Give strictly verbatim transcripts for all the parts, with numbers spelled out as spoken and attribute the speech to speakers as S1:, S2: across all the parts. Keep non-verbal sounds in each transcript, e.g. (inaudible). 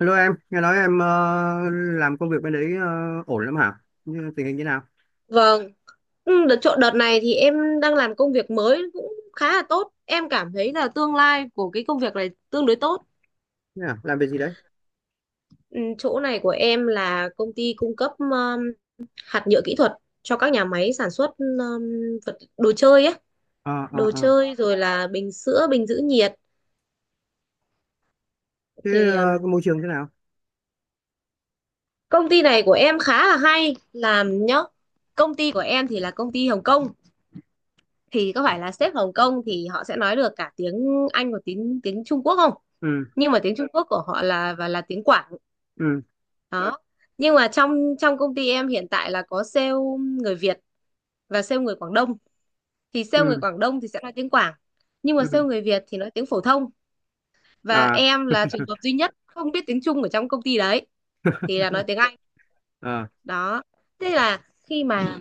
S1: Hello em, nghe nói em ờ, làm công việc bên đấy ờ, ổn lắm hả? Như tình hình như nào?
S2: Vâng. Ừ, đợt chỗ đợt này thì em đang làm công việc mới cũng khá là tốt. Em cảm thấy là tương lai của cái công việc này tương đối tốt.
S1: Thế à? Làm việc gì đấy?
S2: Ừ, chỗ này của em là công ty cung cấp um, hạt nhựa kỹ thuật cho các nhà máy sản xuất um, vật đồ chơi ấy,
S1: Ờ, ờ,
S2: đồ
S1: ờ.
S2: chơi rồi là bình sữa, bình giữ nhiệt.
S1: Thế
S2: Thì
S1: ờ, cái
S2: um,
S1: môi trường thế nào?
S2: công ty này của em khá là hay làm nhá. Công ty của em thì là công ty Hồng Kông, thì có phải là sếp Hồng Kông thì họ sẽ nói được cả tiếng Anh và tiếng tiếng Trung Quốc không?
S1: Ừ,
S2: Nhưng mà tiếng Trung Quốc của họ là và là tiếng Quảng
S1: ừ,
S2: đó, nhưng mà trong trong công ty em hiện tại là có sale người Việt và sale người Quảng Đông, thì sale người
S1: ừ,
S2: Quảng Đông thì sẽ nói tiếng Quảng, nhưng mà sale
S1: ừ.
S2: người Việt thì nói tiếng phổ thông, và
S1: À,
S2: em là trường hợp duy nhất không biết tiếng Trung ở trong công ty đấy thì là nói tiếng Anh
S1: ờ,
S2: đó. Thế là khi mà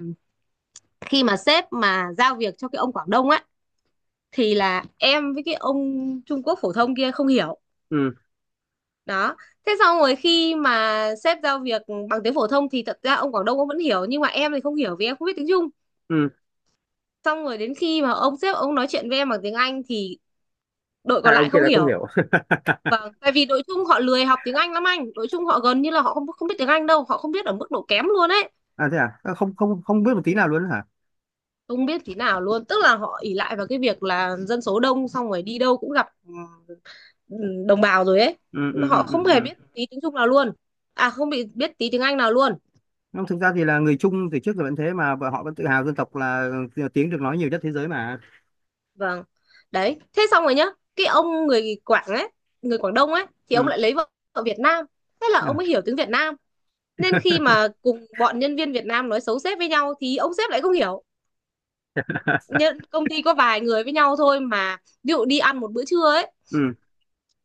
S2: khi mà sếp mà giao việc cho cái ông Quảng Đông á, thì là em với cái ông Trung Quốc phổ thông kia không hiểu
S1: ừ,
S2: đó. Thế xong rồi khi mà sếp giao việc bằng tiếng phổ thông thì thật ra ông Quảng Đông ông vẫn hiểu, nhưng mà em thì không hiểu vì em không biết tiếng Trung.
S1: ừ.
S2: Xong rồi đến khi mà ông sếp ông nói chuyện với em bằng tiếng Anh thì đội còn
S1: Hai
S2: lại
S1: ông kia
S2: không
S1: lại không
S2: hiểu.
S1: hiểu. (laughs)
S2: Vâng, tại vì đội Trung họ lười học tiếng Anh lắm anh, đội Trung họ gần như là họ không không biết tiếng Anh đâu, họ không biết ở mức độ kém luôn ấy,
S1: À, thế à? À, không, không, không biết một tí nào luôn hả?
S2: không biết tí nào luôn, tức là họ ỷ lại vào cái việc là dân số đông, xong rồi đi đâu cũng gặp ừ, đồng bào rồi ấy,
S1: Ừ, ừ, ừ,
S2: họ
S1: ừ.
S2: không hề biết
S1: Ừ.
S2: tí tiếng Trung nào luôn, à không bị biết tí tiếng Anh nào luôn.
S1: Không, thực ra thì là người Trung từ trước giờ vẫn thế mà, và họ vẫn tự hào dân tộc là ờ, tiếng được nói nhiều nhất thế giới mà.
S2: Vâng. Đấy, thế xong rồi nhá, cái ông người Quảng ấy, người Quảng Đông ấy thì ông
S1: Ừ.
S2: lại lấy vợ ở Việt Nam. Thế là
S1: Ừ.
S2: ông mới hiểu tiếng Việt Nam. Nên
S1: (laughs)
S2: khi mà cùng bọn nhân viên Việt Nam nói xấu sếp với nhau thì ông sếp lại không hiểu. Nhân công ty có vài người với nhau thôi mà, ví dụ đi ăn một bữa trưa ấy,
S1: Ừ.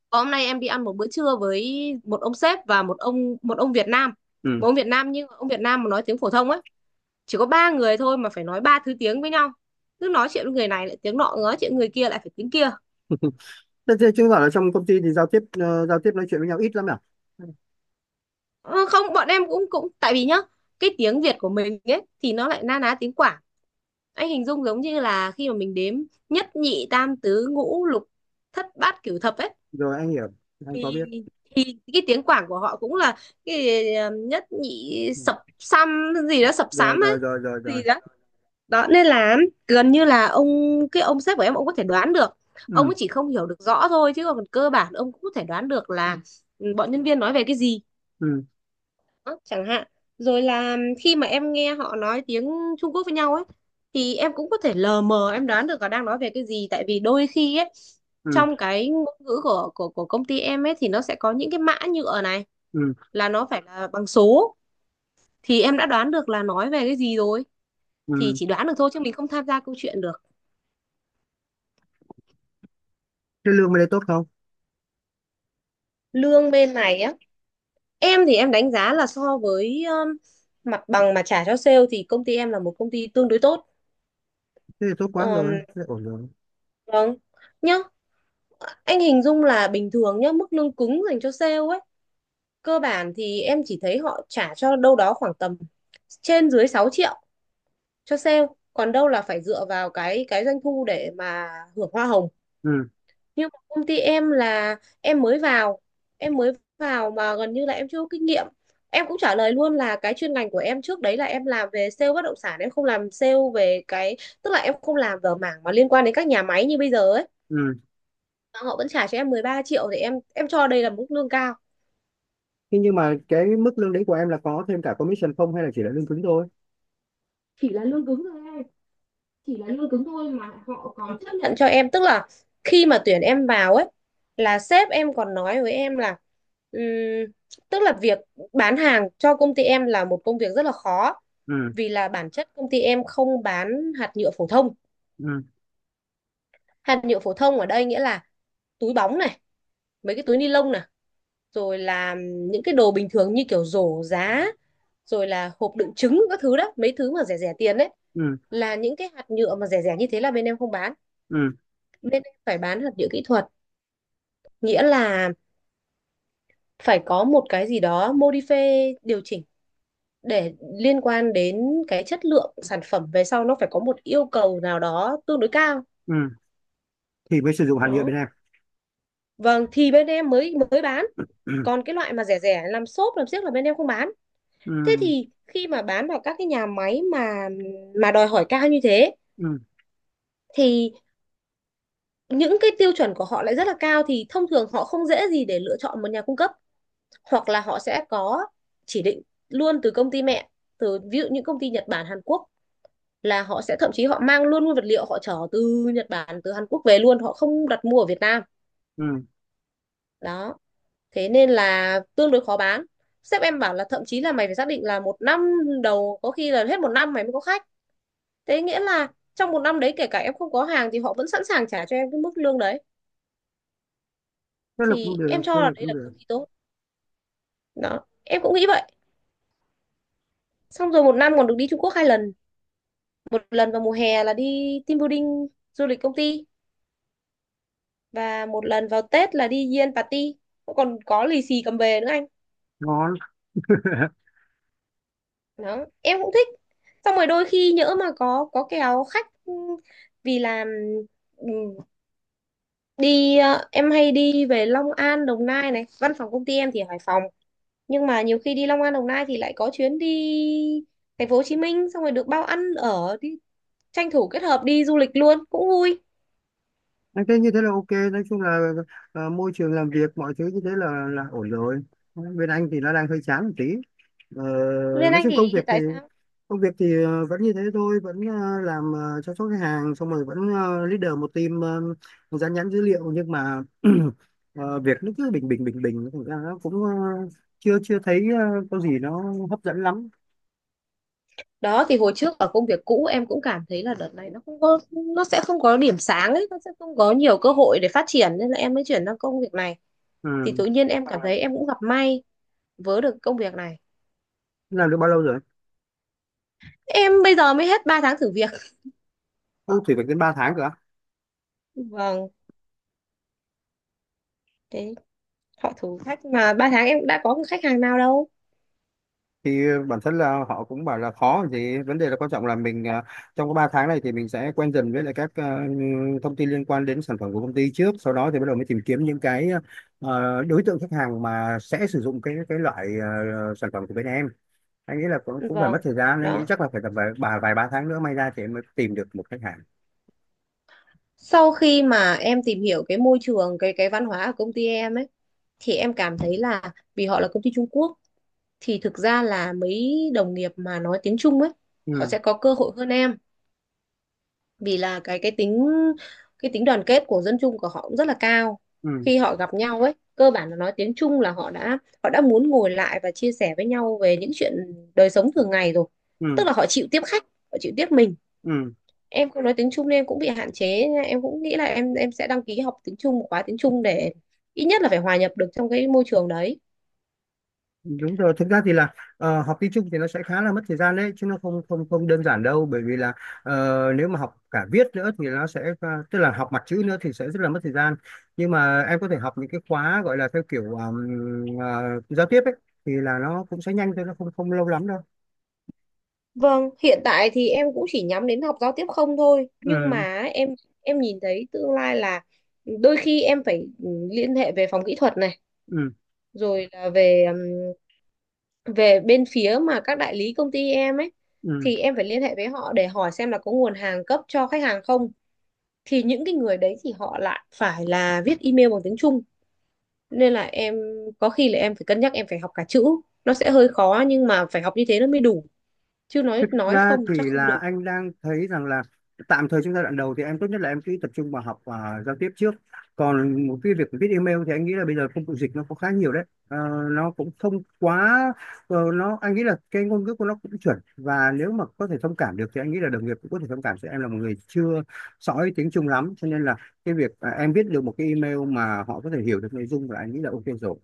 S2: "Ờ, hôm nay em đi ăn một bữa trưa với một ông sếp và một ông một ông Việt Nam.
S1: Ừ.
S2: Một ông Việt Nam nhưng ông Việt Nam mà nói tiếng phổ thông ấy, chỉ có ba người thôi mà phải nói ba thứ tiếng với nhau. Cứ nói chuyện với người này lại tiếng nọ, nói chuyện người kia lại phải tiếng kia.
S1: Thế, thế chứng tỏ là trong công ty thì giao tiếp ờ, giao tiếp nói chuyện với nhau ít lắm à?
S2: Ờ, không bọn em cũng cũng tại vì nhá, cái tiếng Việt của mình ấy thì nó lại na ná tiếng Quảng, anh hình dung giống như là khi mà mình đếm nhất nhị tam tứ ngũ lục thất bát cửu thập ấy,
S1: Rồi anh hiểu. Anh có biết.
S2: cái tiếng Quảng của họ cũng là cái ờ, nhất nhị
S1: Ừ.
S2: sập xăm gì đó, sập
S1: Rồi,
S2: sám
S1: rồi,
S2: ấy
S1: rồi, rồi, rồi.
S2: gì đó đó. Nên là gần như là ông cái ông sếp của em ông có thể đoán được, ông
S1: Ừ,
S2: ấy chỉ không hiểu được rõ thôi chứ còn cơ bản ông cũng có thể đoán được là ừ, bọn nhân viên nói về cái gì
S1: ừ,
S2: đó, chẳng hạn. Rồi là khi mà em nghe họ nói tiếng Trung Quốc với nhau ấy thì em cũng có thể lờ mờ em đoán được họ đang nói về cái gì, tại vì đôi khi ấy
S1: ừ,
S2: trong cái ngôn ngữ của của của công ty em ấy thì nó sẽ có những cái mã nhựa này,
S1: ừ,
S2: là nó phải là bằng số, thì em đã đoán được là nói về cái gì rồi. Thì
S1: ừ.
S2: chỉ đoán được thôi chứ mình không tham gia câu chuyện được.
S1: Thế lương bên đây tốt không?
S2: Lương bên này á, em thì em đánh giá là so với um, mặt bằng mà trả cho sale thì công ty em là một công ty tương đối tốt.
S1: Thế thì tốt quá
S2: Ờm,
S1: rồi, thế là ổn rồi.
S2: vâng nhá, anh hình dung là bình thường nhá, mức lương cứng dành cho sale ấy, cơ bản thì em chỉ thấy họ trả cho đâu đó khoảng tầm trên dưới sáu triệu cho sale, còn đâu là phải dựa vào cái cái doanh thu để mà hưởng hoa hồng.
S1: Ừ,
S2: Nhưng mà công ty em là, em mới vào, em mới vào mà gần như là em chưa có kinh nghiệm, em cũng trả lời luôn là cái chuyên ngành của em trước đấy là em làm về sale bất động sản, em không làm sale về cái, tức là em không làm ở mảng mà liên quan đến các nhà máy như bây giờ ấy.
S1: ừ.
S2: Mà họ vẫn trả cho em mười ba triệu thì em em cho đây là mức lương cao.
S1: Thế nhưng mà cái mức lương đấy của em là có thêm cả commission không, hay là chỉ là lương cứng thôi?
S2: Chỉ là lương cứng thôi em, chỉ là lương cứng thôi, mà họ còn chấp nhận cho em, tức là khi mà tuyển em vào ấy, là sếp em còn nói với em là, ừm, tức là việc bán hàng cho công ty em là một công việc rất là khó,
S1: Ừ,
S2: vì là bản chất công ty em không bán hạt nhựa phổ thông.
S1: ừ,
S2: Hạt nhựa phổ thông ở đây nghĩa là túi bóng này, mấy cái túi ni lông này, rồi là những cái đồ bình thường như kiểu rổ giá, rồi là hộp đựng trứng các thứ đó, mấy thứ mà rẻ rẻ tiền đấy,
S1: ừ,
S2: là những cái hạt nhựa mà rẻ rẻ như thế là bên em không bán.
S1: ừ,
S2: Bên em phải bán hạt nhựa kỹ thuật, nghĩa là phải có một cái gì đó modify điều chỉnh, để liên quan đến cái chất lượng sản phẩm về sau, nó phải có một yêu cầu nào đó tương đối cao
S1: ừ. Thì mới sử dụng hàng nhựa
S2: đó,
S1: bên em.
S2: vâng thì bên em mới mới bán.
S1: Ừ,
S2: Còn cái loại mà rẻ rẻ làm xốp làm xiếc là bên em không bán. Thế
S1: ừ,
S2: thì khi mà bán vào các cái nhà máy mà mà đòi hỏi cao như thế,
S1: ừ,
S2: thì những cái tiêu chuẩn của họ lại rất là cao, thì thông thường họ không dễ gì để lựa chọn một nhà cung cấp, hoặc là họ sẽ có chỉ định luôn từ công ty mẹ, từ ví dụ những công ty Nhật Bản Hàn Quốc, là họ sẽ thậm chí họ mang luôn nguyên vật liệu, họ chở từ Nhật Bản từ Hàn Quốc về luôn, họ không đặt mua ở Việt Nam
S1: ừ.
S2: đó. Thế nên là tương đối khó bán. Sếp em bảo là thậm chí là mày phải xác định là một năm đầu, có khi là hết một năm mày mới có khách, thế nghĩa là trong một năm đấy kể cả em không có hàng thì họ vẫn sẵn sàng trả cho em cái mức lương đấy,
S1: Thế là cũng
S2: thì em
S1: được,
S2: cho
S1: thế
S2: là
S1: là
S2: đây
S1: cũng
S2: là
S1: được.
S2: công ty tốt đó, em cũng nghĩ vậy. Xong rồi một năm còn được đi Trung Quốc hai lần, một lần vào mùa hè là đi team building du lịch công ty, và một lần vào Tết là đi Yen party, còn có lì xì cầm về nữa anh
S1: Ngon. (laughs)
S2: đó, em cũng thích. Xong rồi đôi khi nhỡ mà có có kèo khách, ừ, vì là, ừ, đi ờ, em hay đi về Long An Đồng Nai này, văn phòng công ty em thì ở Hải Phòng, nhưng mà nhiều khi đi Long An Đồng Nai thì lại có chuyến đi thành phố Hồ Chí Minh, xong rồi được bao ăn ở đi, tranh thủ kết hợp đi du lịch luôn cũng vui.
S1: Anh thấy như thế là ok, nói chung là ờ, môi trường làm việc mọi thứ như thế là là ổn rồi. Bên anh thì nó đang hơi chán một tí. Ờ,
S2: Bên
S1: nói
S2: anh
S1: chung công
S2: thì
S1: việc
S2: hiện
S1: thì
S2: tại sao?
S1: công việc thì ờ, vẫn như thế thôi, vẫn ờ, làm, ờ, chăm sóc khách hàng, xong rồi vẫn ờ, leader một team, ờ, dán nhãn dữ liệu, nhưng mà (clears throat) ờ, việc nó cứ bình bình bình bình, thành ra nó cũng ờ, chưa chưa thấy ờ, có gì nó hấp dẫn lắm.
S2: Đó thì hồi trước ở công việc cũ em cũng cảm thấy là đợt này nó không có, nó sẽ không có điểm sáng ấy, nó sẽ không có nhiều cơ hội để phát triển, nên là em mới chuyển sang công việc này. Thì
S1: Ừ.
S2: tự nhiên em cảm À, thấy em cũng gặp may với được công việc này.
S1: Làm được bao lâu rồi?
S2: Em bây giờ mới hết ba tháng thử việc.
S1: Ô, thì phải đến ba tháng cơ.
S2: Vâng, thế họ thử thách mà, ba tháng em đã có cái khách hàng nào đâu.
S1: Thì bản thân là họ cũng bảo là khó còn gì, vấn đề là quan trọng là mình à, trong cái ba tháng này thì mình sẽ quen dần với lại các à, thông tin liên quan đến sản phẩm của công ty trước, sau đó thì bắt đầu mới tìm kiếm những cái à, đối tượng khách hàng mà sẽ sử dụng cái cái loại à, sản phẩm của bên em. Anh nghĩ là cũng cũng phải mất
S2: Vâng
S1: thời gian, anh nghĩ
S2: đó,
S1: chắc là phải tầm vài vài, vài ba tháng nữa may ra thì em mới tìm được một khách hàng.
S2: sau khi mà em tìm hiểu cái môi trường cái cái văn hóa ở công ty em ấy, thì em cảm thấy là vì họ là công ty Trung Quốc, thì thực ra là mấy đồng nghiệp mà nói tiếng Trung ấy, họ
S1: Ừ,
S2: sẽ có cơ hội hơn em, vì là cái cái tính cái tính đoàn kết của dân Trung của họ cũng rất là cao.
S1: ừ,
S2: Khi họ gặp nhau ấy cơ bản là nói tiếng Trung là họ đã, họ đã muốn ngồi lại và chia sẻ với nhau về những chuyện đời sống thường ngày rồi,
S1: ừ,
S2: tức là họ chịu tiếp khách, họ chịu tiếp mình.
S1: ừ.
S2: Em không nói tiếng Trung nên em cũng bị hạn chế nha. Em cũng nghĩ là em em sẽ đăng ký học tiếng Trung một khóa tiếng Trung để ít nhất là phải hòa nhập được trong cái môi trường đấy.
S1: Đúng rồi, thực ra thì là ờ, học tiếng Trung thì nó sẽ khá là mất thời gian đấy chứ, nó không không không đơn giản đâu, bởi vì là ờ, nếu mà học cả viết nữa thì nó sẽ ờ, tức là học mặt chữ nữa thì sẽ rất là mất thời gian. Nhưng mà em có thể học những cái khóa gọi là theo kiểu ờm, ờ, giao tiếp ấy, thì là nó cũng sẽ nhanh thôi, nó không không lâu lắm đâu.
S2: Vâng, hiện tại thì em cũng chỉ nhắm đến học giao tiếp không thôi, nhưng
S1: Ừ,
S2: mà em em nhìn thấy tương lai là đôi khi em phải ừ, liên hệ về phòng kỹ thuật này,
S1: ừ,
S2: rồi là về ừm, về bên phía mà các đại lý công ty em ấy,
S1: ừ.
S2: thì em phải liên hệ với họ để hỏi xem là có nguồn hàng cấp cho khách hàng không. Thì những cái người đấy thì họ lại phải là viết email bằng tiếng Trung, nên là em có khi là em phải cân nhắc em phải học cả chữ, nó sẽ hơi khó nhưng mà phải học như thế nó mới đủ, chứ nói
S1: Thực
S2: nói
S1: ra
S2: không chắc
S1: thì
S2: không đủ.
S1: là anh đang thấy rằng là tạm thời trong giai đoạn đầu thì em tốt nhất là em cứ tập trung vào học và giao tiếp trước. Còn một cái việc viết email thì anh nghĩ là bây giờ công cụ dịch nó có khá nhiều đấy. Ờ, nó cũng không quá ờ, nó anh nghĩ là cái ngôn ngữ của nó cũng chuẩn, và nếu mà có thể thông cảm được thì anh nghĩ là đồng nghiệp cũng có thể thông cảm sẽ em là một người chưa sõi tiếng Trung lắm, cho nên là cái việc à, em viết được một cái email mà họ có thể hiểu được nội dung là anh nghĩ là ok rồi.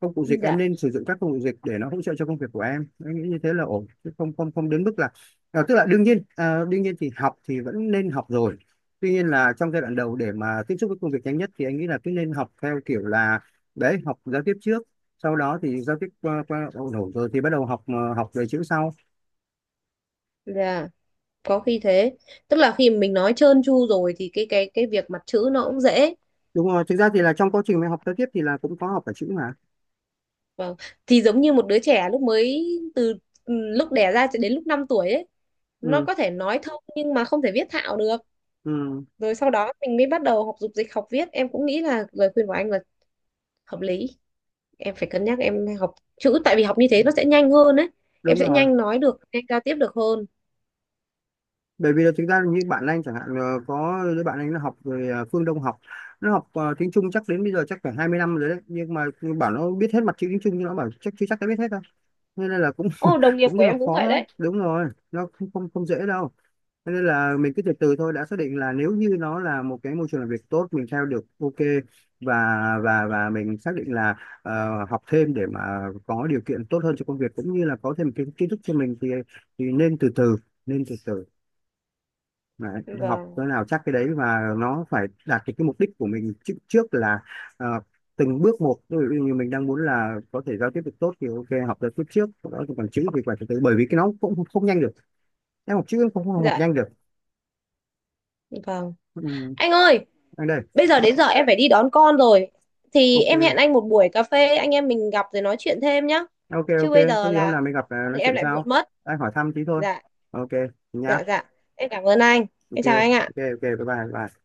S1: Công cụ dịch em
S2: Dạ,
S1: nên sử dụng, các công cụ dịch để nó hỗ trợ cho công việc của em em nghĩ như thế là ổn, chứ không không không đến mức là à, tức là đương nhiên à, đương nhiên thì học thì vẫn nên học rồi. Tuy nhiên là trong giai đoạn đầu để mà tiếp xúc với công việc nhanh nhất thì anh nghĩ là cứ nên học theo kiểu là đấy, học giao tiếp trước, sau đó thì giao tiếp qua qua ổn ổn rồi thì bắt đầu học ờ, học về chữ sau.
S2: dạ, có khi thế, tức là khi mình nói trơn tru rồi thì cái cái cái việc mặt chữ nó cũng dễ.
S1: Đúng rồi, thực ra thì là trong quá trình mình học giao tiếp thì là cũng có học cả chữ mà.
S2: Vâng, thì giống như một đứa trẻ lúc mới từ, ừ, lúc đẻ ra cho đến lúc năm tuổi ấy, nó
S1: Ừ,
S2: có thể nói thông nhưng mà không thể viết thạo được.
S1: ừ,
S2: Rồi sau đó mình mới bắt đầu học dục dịch học viết, em cũng nghĩ là lời khuyên của anh là hợp lý. Em phải cân nhắc em học chữ, tại vì học như thế nó sẽ nhanh hơn ấy, em
S1: đúng
S2: sẽ
S1: rồi,
S2: nhanh nói được, nhanh giao tiếp được hơn.
S1: bởi vì là thực ra như bạn anh chẳng hạn ờ, có đứa bạn anh nó học rồi ờ, Phương Đông, học nó học ờ, tiếng Trung chắc đến bây giờ chắc phải hai mươi năm rồi đấy, nhưng mà bảo nó biết hết mặt chữ tiếng Trung nhưng nó bảo chắc chưa chắc đã biết hết đâu, nên là cũng
S2: Ô, đồng
S1: (laughs)
S2: nghiệp
S1: cũng
S2: của
S1: rất là
S2: em cũng
S1: khó
S2: vậy
S1: lắm.
S2: đấy.
S1: Đúng rồi nó không không, không dễ đâu. Cho nên là mình cứ từ từ thôi, đã xác định là nếu như nó là một cái môi trường làm việc tốt mình theo được, ok, và và và mình xác định là ờ, học thêm để mà có điều kiện tốt hơn cho công việc cũng như là có thêm kiến kiến thức cho mình thì thì nên từ từ, nên từ từ. Đấy, học
S2: Vâng.
S1: cái nào chắc cái đấy, và nó phải đạt cái, cái mục đích của mình trước, trước là ờ, từng bước một, ví dụ như mình đang muốn là có thể giao tiếp được tốt thì ok, học giao tiếp trước, sau đó thì còn chữ thì phải từ từ, bởi vì cái nó cũng không nhanh được, em học chữ cũng không học
S2: Dạ,
S1: nhanh được.
S2: vâng.
S1: Ừ.
S2: Anh ơi,
S1: Anh đây.
S2: bây giờ đến giờ em phải đi đón con rồi, thì em hẹn
S1: Ok.
S2: anh một buổi cà phê, anh em mình gặp rồi nói chuyện thêm nhá,
S1: Ok,
S2: chứ
S1: ok.
S2: bây
S1: Có
S2: giờ
S1: gì hôm
S2: là,
S1: nào mình gặp ờ,
S2: không thì
S1: nói
S2: em
S1: chuyện
S2: lại
S1: sau.
S2: muộn mất.
S1: Anh hỏi thăm tí thôi.
S2: Dạ,
S1: Ok. Nhá.
S2: dạ, dạ, em cảm ơn anh, em
S1: Ok,
S2: chào anh
S1: ok,
S2: ạ.
S1: ok. Bye bye bye.